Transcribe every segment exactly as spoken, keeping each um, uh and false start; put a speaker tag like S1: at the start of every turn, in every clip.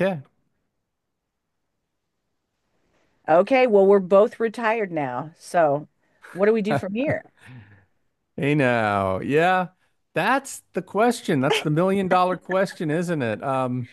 S1: Okay.
S2: Okay, well, we're both retired now. So what do we do from here?
S1: Hey now. Yeah. That's the question. That's the million dollar question, isn't it? Um,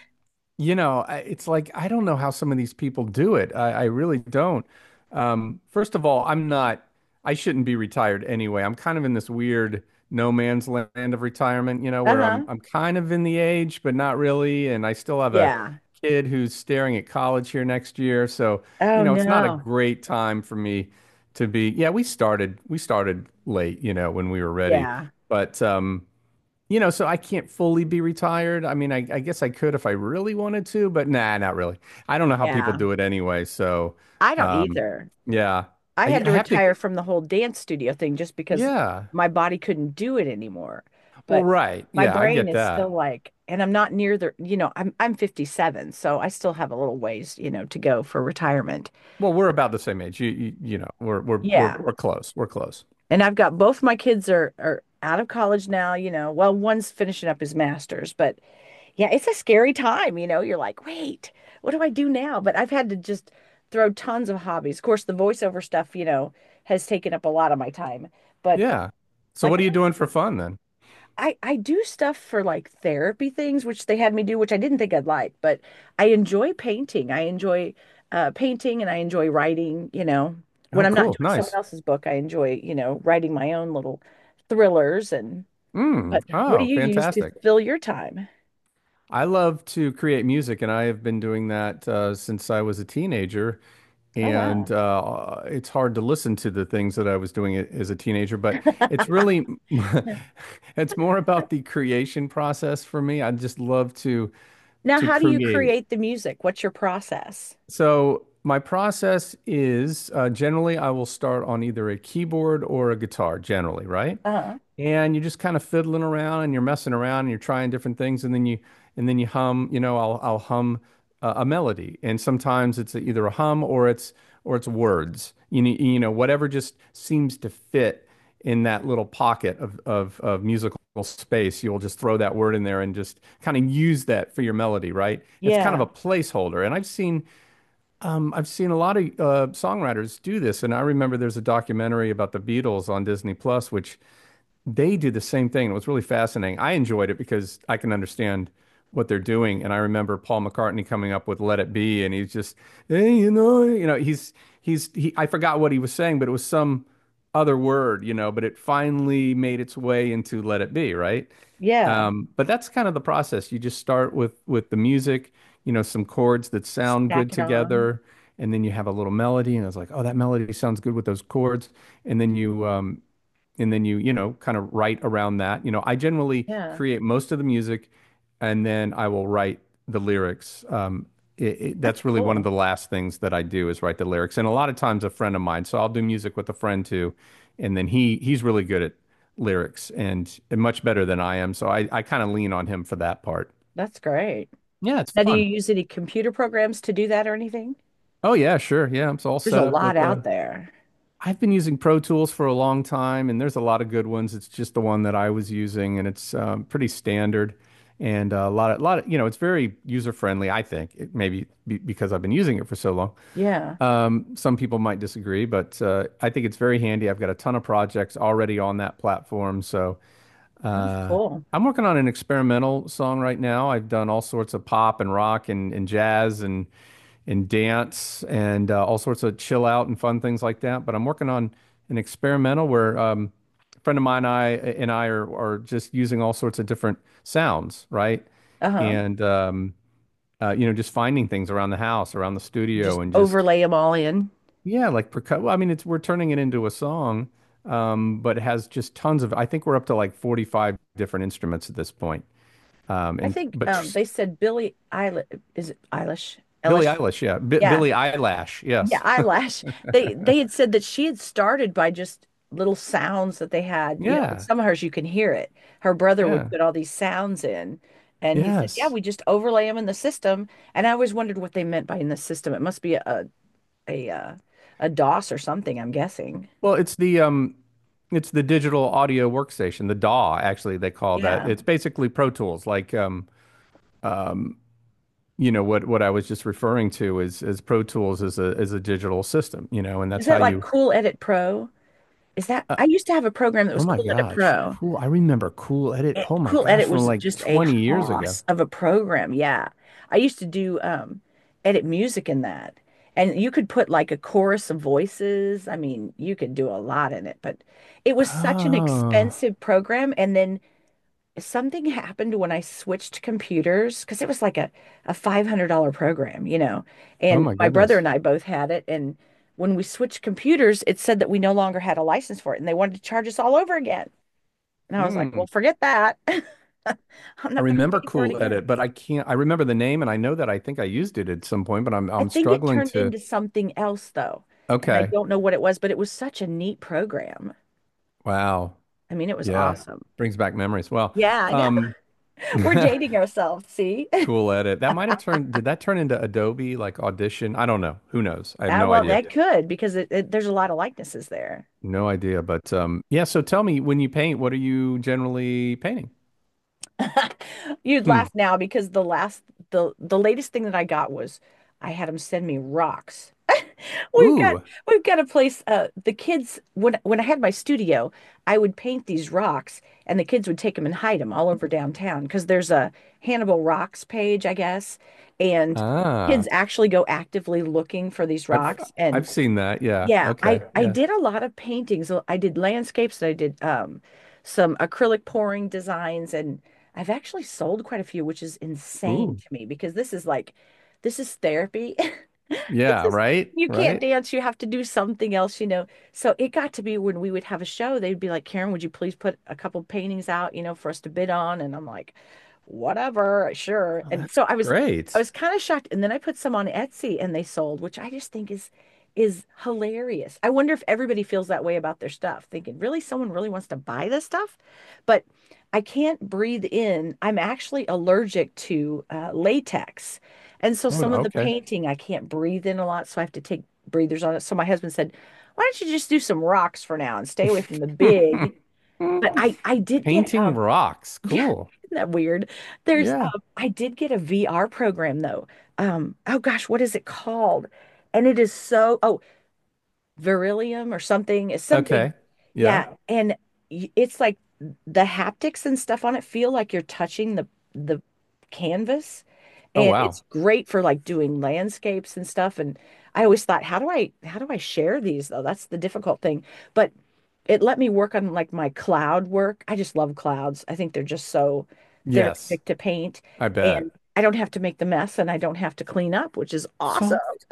S1: You know, I- it's like I don't know how some of these people do it. I, I really don't. Um, first of all, I'm not, I shouldn't be retired anyway. I'm kind of in this weird no man's land of retirement, you know, where I'm
S2: Uh-huh.
S1: I'm kind of in the age, but not really. And I still have a
S2: Yeah.
S1: kid who's staring at college here next year. So, you
S2: Oh
S1: know, it's not a
S2: no.
S1: great time for me to be. Yeah, we started we started late, you know, when we were ready.
S2: Yeah.
S1: But um you know, so I can't fully be retired. I mean, I, I guess I could if I really wanted to, but nah, not really. I don't know how people
S2: Yeah.
S1: do it anyway. So,
S2: I don't
S1: um,
S2: either.
S1: yeah,
S2: I
S1: I,
S2: had
S1: I
S2: to
S1: have to.
S2: retire from the whole dance studio thing just because
S1: Yeah.
S2: my body couldn't do it anymore.
S1: Well,
S2: But
S1: right.
S2: my
S1: Yeah, I
S2: brain
S1: get
S2: is still
S1: that.
S2: like, and I'm not near the, you know, I'm I'm fifty-seven, so I still have a little ways, you know, to go for retirement.
S1: Well, we're about the same age. You, you, you know, we're we're we're
S2: Yeah.
S1: we're close. We're close.
S2: And I've got both my kids are are out of college now, you know. Well, one's finishing up his master's, but yeah, it's a scary time, you know. You're like, wait, what do I do now? But I've had to just throw tons of hobbies. Of course, the voiceover stuff, you know, has taken up a lot of my time. But uh,
S1: Yeah. So,
S2: like
S1: what are
S2: I,
S1: you doing for fun then?
S2: I I do stuff for like therapy things, which they had me do, which I didn't think I'd like, but I enjoy painting. I enjoy uh, painting, and I enjoy writing, you know. When
S1: Oh,
S2: I'm not
S1: cool.
S2: doing someone
S1: Nice.
S2: else's book, I enjoy, you know, writing my own little thrillers. And but
S1: Mm.
S2: what do
S1: Oh,
S2: you use to
S1: fantastic.
S2: fill your time?
S1: I love to create music, and I have been doing that uh, since I was a teenager.
S2: Oh,
S1: And
S2: wow.
S1: uh, it's hard to listen to the things that I was doing as a teenager, but it's really it's more about the creation process for me. I just love to
S2: Now,
S1: to
S2: how do you
S1: create.
S2: create the music? What's your process?
S1: So my process is, uh, generally I will start on either a keyboard or a guitar, generally, right?
S2: Uh-huh.
S1: And you're just kind of fiddling around and you're messing around and you're trying different things, and then you and then you hum. You know, I'll I'll hum a, a melody, and sometimes it's either a hum or it's or it's words, you know. You know, whatever just seems to fit in that little pocket of of of musical space, you'll just throw that word in there and just kind of use that for your melody, right? It's kind of
S2: Yeah.
S1: a placeholder. And I've seen, um, I've seen a lot of uh, songwriters do this. And I remember there's a documentary about the Beatles on Disney Plus, which they do the same thing. It was really fascinating. I enjoyed it because I can understand what they're doing. And I remember Paul McCartney coming up with "Let It Be," and he's just, hey, you know, you know, he's he's he. I forgot what he was saying, but it was some other word, you know. But it finally made its way into "Let It Be," right?
S2: Yeah.
S1: Um, but that's kind of the process. You just start with with the music, you know, some chords that sound good
S2: Stack it on.
S1: together, and then you have a little melody, and it's like, oh, that melody sounds good with those chords. And then you, um, and then you you know, kind of write around that. You know, I generally
S2: Yeah,
S1: create most of the music, and then I will write the lyrics. Um it, it,
S2: that's
S1: that's really one of
S2: cool.
S1: the last things that I do, is write the lyrics. And a lot of times, a friend of mine, so I'll do music with a friend too, and then he he's really good at lyrics, and, and much better than I am, so I I kind of lean on him for that part.
S2: That's great.
S1: Yeah, it's
S2: Now, do you
S1: fun.
S2: use any computer programs to do that or anything?
S1: Oh yeah, sure. Yeah, I'm so all
S2: There's a
S1: set up
S2: lot
S1: with
S2: out
S1: the.
S2: there.
S1: I've been using Pro Tools for a long time, and there's a lot of good ones. It's just the one that I was using, and it's, um, pretty standard. And uh, a lot of, lot of, you know, it's very user friendly, I think. It maybe be, because I've been using it for so long.
S2: Yeah.
S1: Um, some people might disagree, but uh, I think it's very handy. I've got a ton of projects already on that platform. So
S2: That's
S1: uh,
S2: cool.
S1: I'm working on an experimental song right now. I've done all sorts of pop and rock and, and jazz and and dance and uh, all sorts of chill out and fun things like that. But I'm working on an experimental where, um, a friend of mine and I and I are are just using all sorts of different sounds, right?
S2: Uh-huh.
S1: And um, uh, you know, just finding things around the house, around the
S2: You just
S1: studio, and just
S2: overlay them all in.
S1: yeah, like percu-, well, I mean, it's we're turning it into a song, um, but it has just tons of. I think we're up to like forty-five different instruments at this point. Um,
S2: I
S1: and
S2: think
S1: but
S2: um,
S1: tr-
S2: they said Billie Eilish, is it Eilish?
S1: Billie
S2: Eilish?
S1: Eilish, yeah, B
S2: Yeah.
S1: Billie Eyelash,
S2: Yeah,
S1: yes.
S2: eyelash. They they had said that she had started by just little sounds that they had, you know, and
S1: Yeah,
S2: some of hers you can hear it. Her brother would
S1: yeah,
S2: put all these sounds in, and he said, "Yeah,
S1: yes.
S2: we just overlay them in the system." And I always wondered what they meant by in the system. It must be a a a, uh, a DOS or something, I'm guessing.
S1: Well, it's the, um, it's the digital audio workstation, the D A W. Actually, they call that.
S2: Yeah.
S1: It's basically Pro Tools, like, um, um, you know, what what I was just referring to is is Pro Tools is a is a digital system, you know, and
S2: Is
S1: that's how
S2: that like
S1: you.
S2: Cool Edit Pro? Is that I used to have a program that
S1: Oh
S2: was
S1: my
S2: Cool Edit
S1: gosh,
S2: Pro.
S1: cool. I remember Cool Edit.
S2: It,
S1: Oh my
S2: Cool
S1: gosh,
S2: Edit
S1: from
S2: was
S1: like
S2: just a
S1: twenty years ago.
S2: hoss of a program. Yeah. I used to do um edit music in that. And you could put like a chorus of voices. I mean, you could do a lot in it, but it was such an
S1: Oh,
S2: expensive program. And then something happened when I switched computers because it was like a, a five hundred dollars program, you know.
S1: oh
S2: And
S1: my
S2: my brother
S1: goodness.
S2: and I both had it. And when we switched computers, it said that we no longer had a license for it, and they wanted to charge us all over again. And I was like,
S1: Hmm.
S2: well, forget that. I'm
S1: I
S2: not going to
S1: remember
S2: pay for it
S1: Cool Edit,
S2: again.
S1: but I can't. I remember the name, and I know that I think I used it at some point, but I'm
S2: I
S1: I'm
S2: think it
S1: struggling
S2: turned
S1: to.
S2: into something else though. And I
S1: Okay.
S2: don't know what it was, but it was such a neat program.
S1: Wow.
S2: I mean, it was, yeah,
S1: Yeah.
S2: awesome.
S1: Brings back memories. Well,
S2: Yeah, I know.
S1: um,
S2: We're dating ourselves. See?
S1: Cool Edit. That might have turned. Did that turn into Adobe like Audition? I don't know. Who knows? I have
S2: Ah,
S1: no
S2: well,
S1: idea.
S2: that, yeah, could, because it, it, there's a lot of likenesses there.
S1: No idea. But um, yeah. So tell me, when you paint, what are you generally painting?
S2: You'd
S1: Hmm.
S2: laugh now because the last, the the latest thing that I got was I had them send me rocks. We've got
S1: Ooh,
S2: we've got a place uh the kids when when I had my studio, I would paint these rocks, and the kids would take them and hide them all over downtown because there's a Hannibal Rocks page, I guess, and
S1: ah,
S2: kids actually go actively looking for these
S1: I've
S2: rocks. And
S1: I've seen that. Yeah.
S2: yeah, I
S1: Okay.
S2: I
S1: Yeah.
S2: did a lot of paintings. I did landscapes, and I did um some acrylic pouring designs. And I've actually sold quite a few, which is insane
S1: Ooh.
S2: to me because this is like this is therapy. This
S1: Yeah,
S2: is
S1: right?
S2: you can't
S1: Right?
S2: dance, you have to do something else, you know. So it got to be when we would have a show, they'd be like, "Karen, would you please put a couple paintings out, you know, for us to bid on?" And I'm like, whatever, sure.
S1: Oh,
S2: And
S1: that's
S2: so I was I
S1: great.
S2: was kind of shocked. And then I put some on Etsy, and they sold, which I just think is is hilarious. I wonder if everybody feels that way about their stuff, thinking, really, someone really wants to buy this stuff? But I can't breathe in. I'm actually allergic to uh, latex. And so
S1: Oh,
S2: some of the
S1: okay.
S2: painting, I can't breathe in a lot, so I have to take breathers on it. So my husband said, "Why don't you just do some rocks for now and stay away from the big?" But I I did get
S1: Painting
S2: um
S1: rocks.
S2: yeah,
S1: Cool.
S2: isn't that weird? There's
S1: Yeah.
S2: um I did get a V R program though. Um oh gosh, what is it called? And it is so oh, Beryllium or something. It's something.
S1: Okay. Yeah.
S2: Yeah, yeah. And y- it's like the haptics and stuff on it feel like you're touching the the canvas,
S1: Oh,
S2: and
S1: wow.
S2: it's great for like doing landscapes and stuff. And I always thought, how do I how do I share these though? That's the difficult thing. But it let me work on like my cloud work. I just love clouds. I think they're just so
S1: Yes,
S2: therapeutic to paint,
S1: I
S2: and
S1: bet.
S2: I don't have to make the mess, and I don't have to clean up, which is awesome.
S1: Soft,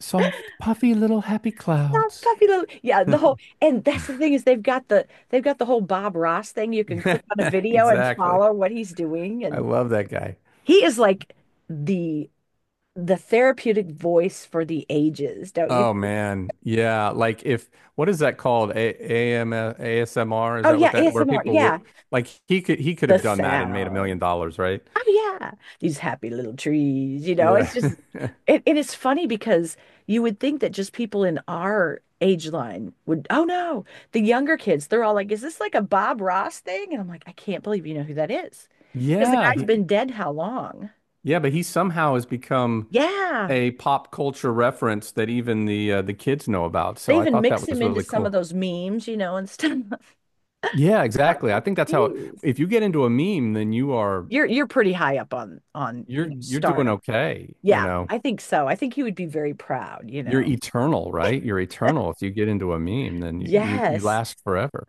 S1: soft, puffy little happy
S2: Stop
S1: clouds.
S2: puppy love. Yeah, the whole, and that's the thing is they've got the they've got the whole Bob Ross thing. You can click on a video and
S1: Exactly.
S2: follow what he's doing.
S1: I
S2: And
S1: love that guy.
S2: he is like the the therapeutic voice for the ages, don't you
S1: Oh
S2: think?
S1: man, yeah. Like if what is that called? A AM A S M R? Is
S2: Oh
S1: that what
S2: yeah,
S1: that where
S2: A S M R.
S1: people would
S2: Yeah.
S1: like he could he could
S2: The
S1: have done that and made a million
S2: sound.
S1: dollars, right?
S2: Oh yeah, these happy little trees, you know, it's
S1: Yeah.
S2: just it, and it's funny because you would think that just people in our age line would, oh no, the younger kids, they're all like, is this like a Bob Ross thing? And I'm like, I can't believe you know who that is. Because the
S1: Yeah,
S2: guy's
S1: he,
S2: been dead how long?
S1: yeah, but he somehow has become
S2: Yeah.
S1: a pop culture reference that even the uh, the kids know about.
S2: They
S1: So I
S2: even
S1: thought
S2: mix
S1: that
S2: him
S1: was
S2: into
S1: really
S2: some of
S1: cool.
S2: those memes, you know, and stuff.
S1: Yeah,
S2: I'm
S1: exactly. I
S2: like,
S1: think that's how
S2: jeez.
S1: if you get into a meme, then you are
S2: You're you're pretty high up on on, you
S1: you're
S2: know,
S1: you're doing
S2: stardom.
S1: okay, you
S2: Yeah,
S1: know.
S2: I think so. I think he would be very proud, you
S1: You're
S2: know.
S1: eternal, right? You're eternal. If you get into a meme, then you you, you
S2: Yes.
S1: last forever.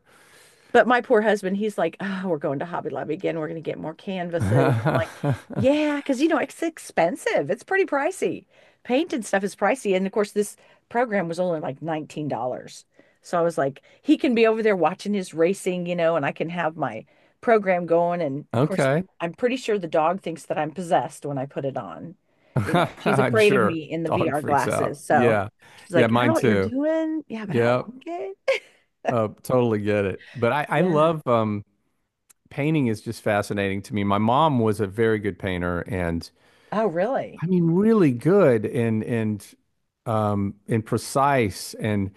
S2: But my poor husband, he's like, oh, we're going to Hobby Lobby again. We're going to get more canvases. I'm like, yeah, because you know, it's expensive. It's pretty pricey. Paint and stuff is pricey. And of course, this program was only like nineteen dollars. So I was like, he can be over there watching his racing, you know, and I can have my program going. And of course,
S1: Okay.
S2: I'm pretty sure the dog thinks that I'm possessed when I put it on. You know, she's
S1: I'm
S2: afraid of
S1: sure.
S2: me in the
S1: Dog
S2: V R
S1: freaks out.
S2: glasses. So yeah,
S1: Yeah.
S2: she's
S1: Yeah,
S2: like, yeah, I don't know
S1: mine
S2: what you're
S1: too.
S2: doing. Yeah, but I don't
S1: Yep.
S2: like it.
S1: Uh, totally get it. But I, I
S2: Yeah.
S1: love um painting is just fascinating to me. My mom was a very good painter, and
S2: Oh, really?
S1: I mean really good, and and um and precise and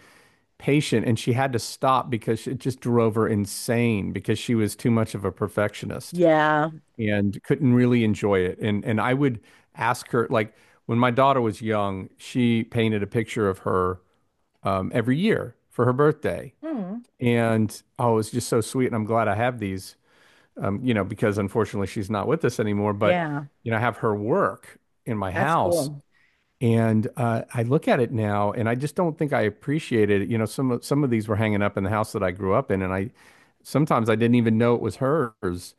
S1: patient. And she had to stop because it just drove her insane because she was too much of a perfectionist,
S2: Yeah.
S1: and couldn't really enjoy it. And and I would ask her like when my daughter was young, she painted a picture of her, um, every year for her birthday,
S2: Hmm.
S1: and oh, it's just so sweet. And I'm glad I have these, um, you know, because unfortunately she's not with us anymore. But
S2: Yeah.
S1: you know, I have her work in my
S2: That's, yeah,
S1: house.
S2: cool.
S1: And uh, I look at it now, and I just don't think I appreciated it. You know, some of some of these were hanging up in the house that I grew up in, and I sometimes I didn't even know it was hers.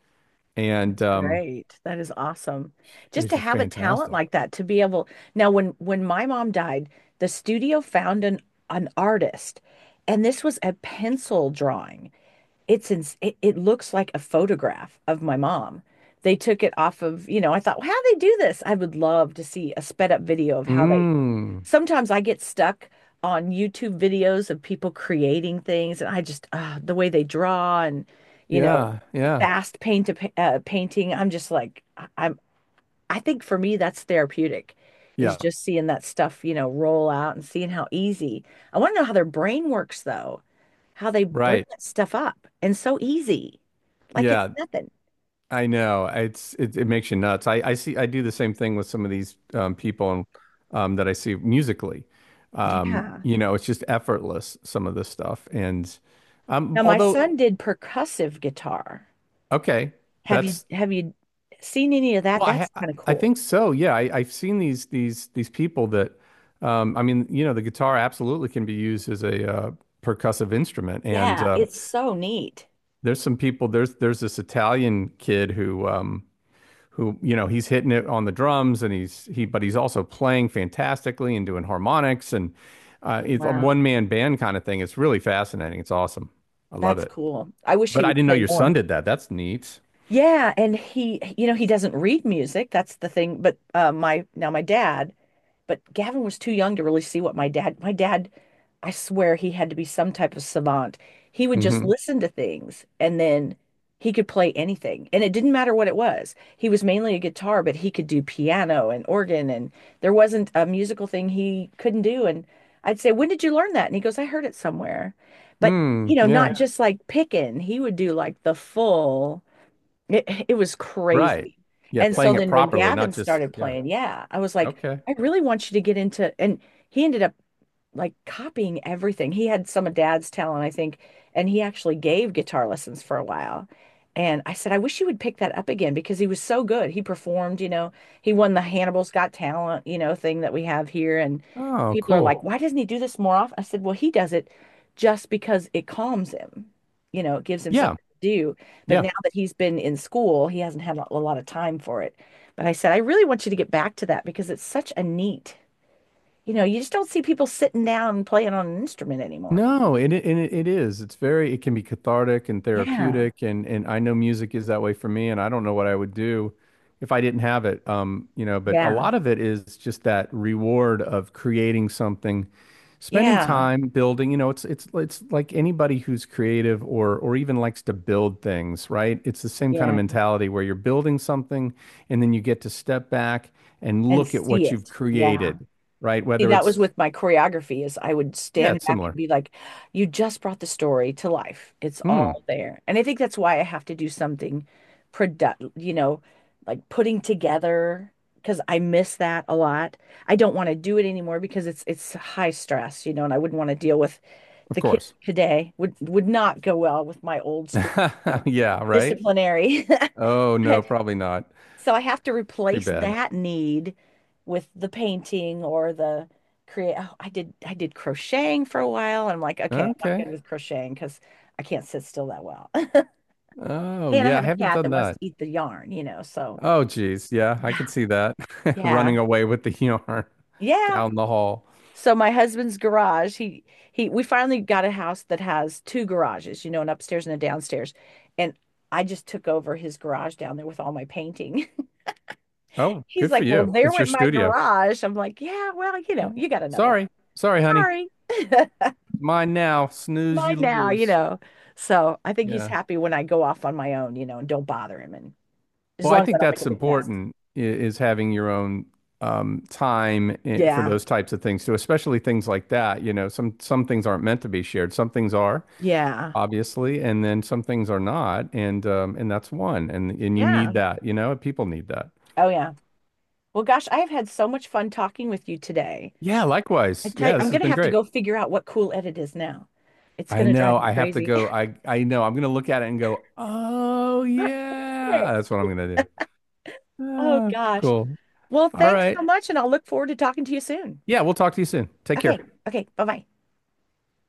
S1: And
S2: That's
S1: um,
S2: great. That is awesome.
S1: she
S2: Just
S1: was
S2: to
S1: just
S2: have a talent
S1: fantastic.
S2: like that, to be able. Now when when my mom died, the studio found an an artist, and this was a pencil drawing. It's in, it, it looks like a photograph of my mom. They took it off of, you know, I thought, well, how do they do this? I would love to see a sped up video of how. Mm. They.
S1: Mm.
S2: Sometimes I get stuck on YouTube videos of people creating things, and I just uh, the way they draw, and you know
S1: Yeah, yeah.
S2: fast paint to pa- uh, painting. I'm just like I- I'm. I think for me that's therapeutic, is
S1: Yeah,
S2: just seeing that stuff you know roll out and seeing how easy. I want to know how their brain works though, how they bring
S1: right.
S2: that stuff up and so easy, like it's
S1: Yeah,
S2: nothing.
S1: I know. It's it, it makes you nuts. I I see I do the same thing with some of these um people um that I see musically. Um,
S2: Yeah.
S1: you know, it's just effortless some of this stuff, and um
S2: Now my
S1: although
S2: son did percussive guitar.
S1: okay,
S2: Have you
S1: that's
S2: have you seen any of that?
S1: well I
S2: That's
S1: ha-
S2: kind of
S1: I
S2: cool.
S1: think so. Yeah, I I've seen these these these people that um I mean, you know, the guitar absolutely can be used as a uh percussive instrument. And
S2: Yeah,
S1: uh
S2: it's so neat.
S1: there's some people. There's there's this Italian kid who um who, you know, he's hitting it on the drums, and he's he but he's also playing fantastically and doing harmonics and, uh, it's a one
S2: Wow.
S1: man band kind of thing. It's really fascinating. It's awesome. I love
S2: That's
S1: it.
S2: cool. I wish
S1: But
S2: he
S1: I
S2: would
S1: didn't know
S2: play
S1: your son
S2: more.
S1: did that. That's neat.
S2: Yeah, and he, you know, he doesn't read music. That's the thing. But uh, my now my dad. But Gavin was too young to really see what my dad, my dad, I swear he had to be some type of savant. He would just
S1: Hmm.
S2: listen to things, and then he could play anything. And it didn't matter what it was. He was mainly a guitar, but he could do piano and organ. And there wasn't a musical thing he couldn't do. And I'd say, "When did you learn that?" And he goes, "I heard it somewhere." But, you
S1: Mm,
S2: know,
S1: yeah.
S2: not just like picking, he would do like the full. It, it was
S1: Right.
S2: crazy.
S1: Yeah.
S2: And so
S1: Playing it
S2: then when
S1: properly,
S2: Gavin
S1: not just
S2: started
S1: yeah.
S2: playing, yeah, I was like,
S1: Okay.
S2: I really want you to get into, and he ended up like copying everything. He had some of dad's talent, I think, and he actually gave guitar lessons for a while. And I said, I wish you would pick that up again because he was so good. He performed, you know, he won the Hannibal's Got Talent, you know, thing that we have here. And
S1: Oh,
S2: people are like,
S1: cool.
S2: cool, why doesn't he do this more often? I said, well, he does it just because it calms him, you know, it gives him
S1: Yeah.
S2: something to do. But
S1: Yeah.
S2: now that he's been in school, he hasn't had a a lot of time for it. But I said, I really want you to get back to that because it's such a neat you know, you just don't see people sitting down and playing on an instrument anymore.
S1: No, and it, and it, it is. It's very, it can be cathartic and
S2: Yeah.
S1: therapeutic. And and I know music is that way for me, and I don't know what I would do if I didn't have it. Um, you know, but a
S2: Yeah.
S1: lot of it is just that reward of creating something, spending
S2: Yeah.
S1: time building, you know. It's it's it's like anybody who's creative or or even likes to build things, right? It's the same kind of
S2: Yeah.
S1: mentality where you're building something, and then you get to step back and
S2: And
S1: look at
S2: see
S1: what you've
S2: it.
S1: created,
S2: Yeah.
S1: right?
S2: See,
S1: Whether
S2: that was
S1: it's
S2: with my choreography is I would
S1: yeah,
S2: stand
S1: it's
S2: back and
S1: similar.
S2: be like, you just brought the story to life. It's
S1: Mm,
S2: all there. And I think that's why I have to do something product, you know, like putting together because I miss that a lot. I don't want to do it anymore because it's it's high stress, you know, and I wouldn't want to deal with
S1: of
S2: the kids
S1: course.
S2: today would would not go well with my old school, you know,
S1: Yeah, right?
S2: disciplinary.
S1: Oh, no, probably not.
S2: So I have to
S1: Too
S2: replace
S1: bad.
S2: that need with the painting or the create. Oh, I did I did crocheting for a while. And I'm like, okay, I'm not
S1: Okay.
S2: good with crocheting because I can't sit still that well.
S1: Oh,
S2: And I
S1: yeah, I
S2: have a
S1: haven't
S2: cat
S1: done
S2: that wants to
S1: that.
S2: eat the yarn, you know. So
S1: Oh, geez. Yeah, I
S2: yeah,
S1: could see that.
S2: yeah,
S1: Running away with the yarn
S2: yeah.
S1: down the hall.
S2: So my husband's garage, he he we finally got a house that has two garages, you know, an upstairs and a downstairs. And I just took over his garage down there with all my painting.
S1: Oh,
S2: He's
S1: good for
S2: like, "Well,
S1: you.
S2: there
S1: It's your
S2: went my
S1: studio.
S2: garage." I'm like, "Yeah, well, you know,
S1: Yeah.
S2: you got another one.
S1: Sorry. Sorry, honey.
S2: Sorry.
S1: Mine now. Snooze,
S2: Mine
S1: you
S2: now, you
S1: lose.
S2: know." So, I think he's
S1: Yeah.
S2: happy when I go off on my own, you know, and don't bother him, and as
S1: Well, I
S2: long as I
S1: think
S2: don't make a
S1: that's
S2: big mess.
S1: important, i- is having your own, um, time i- for
S2: Yeah.
S1: those types of things too, especially things like that. You know, some some things aren't meant to be shared. Some things are,
S2: Yeah.
S1: obviously, and then some things are not, and, um, and that's one, and and you
S2: Yeah.
S1: need that, you know, people need that.
S2: Oh yeah. Well, gosh, I have had so much fun talking with you today.
S1: Yeah,
S2: I
S1: likewise.
S2: tell you,
S1: Yeah,
S2: I'm,
S1: this has
S2: yeah, gonna
S1: been
S2: have to
S1: great.
S2: go figure out what cool edit is now. It's
S1: I
S2: gonna
S1: know.
S2: drive me
S1: I have to
S2: crazy.
S1: go. I I know. I'm gonna look at it and go, oh
S2: That's it.
S1: yeah, that's what I'm gonna do.
S2: Oh
S1: Ah,
S2: gosh.
S1: cool.
S2: Well,
S1: All
S2: thanks
S1: right.
S2: so much, and I'll look forward to talking to you soon.
S1: Yeah, we'll talk to you soon. Take
S2: Okay.
S1: care.
S2: Okay. Bye bye.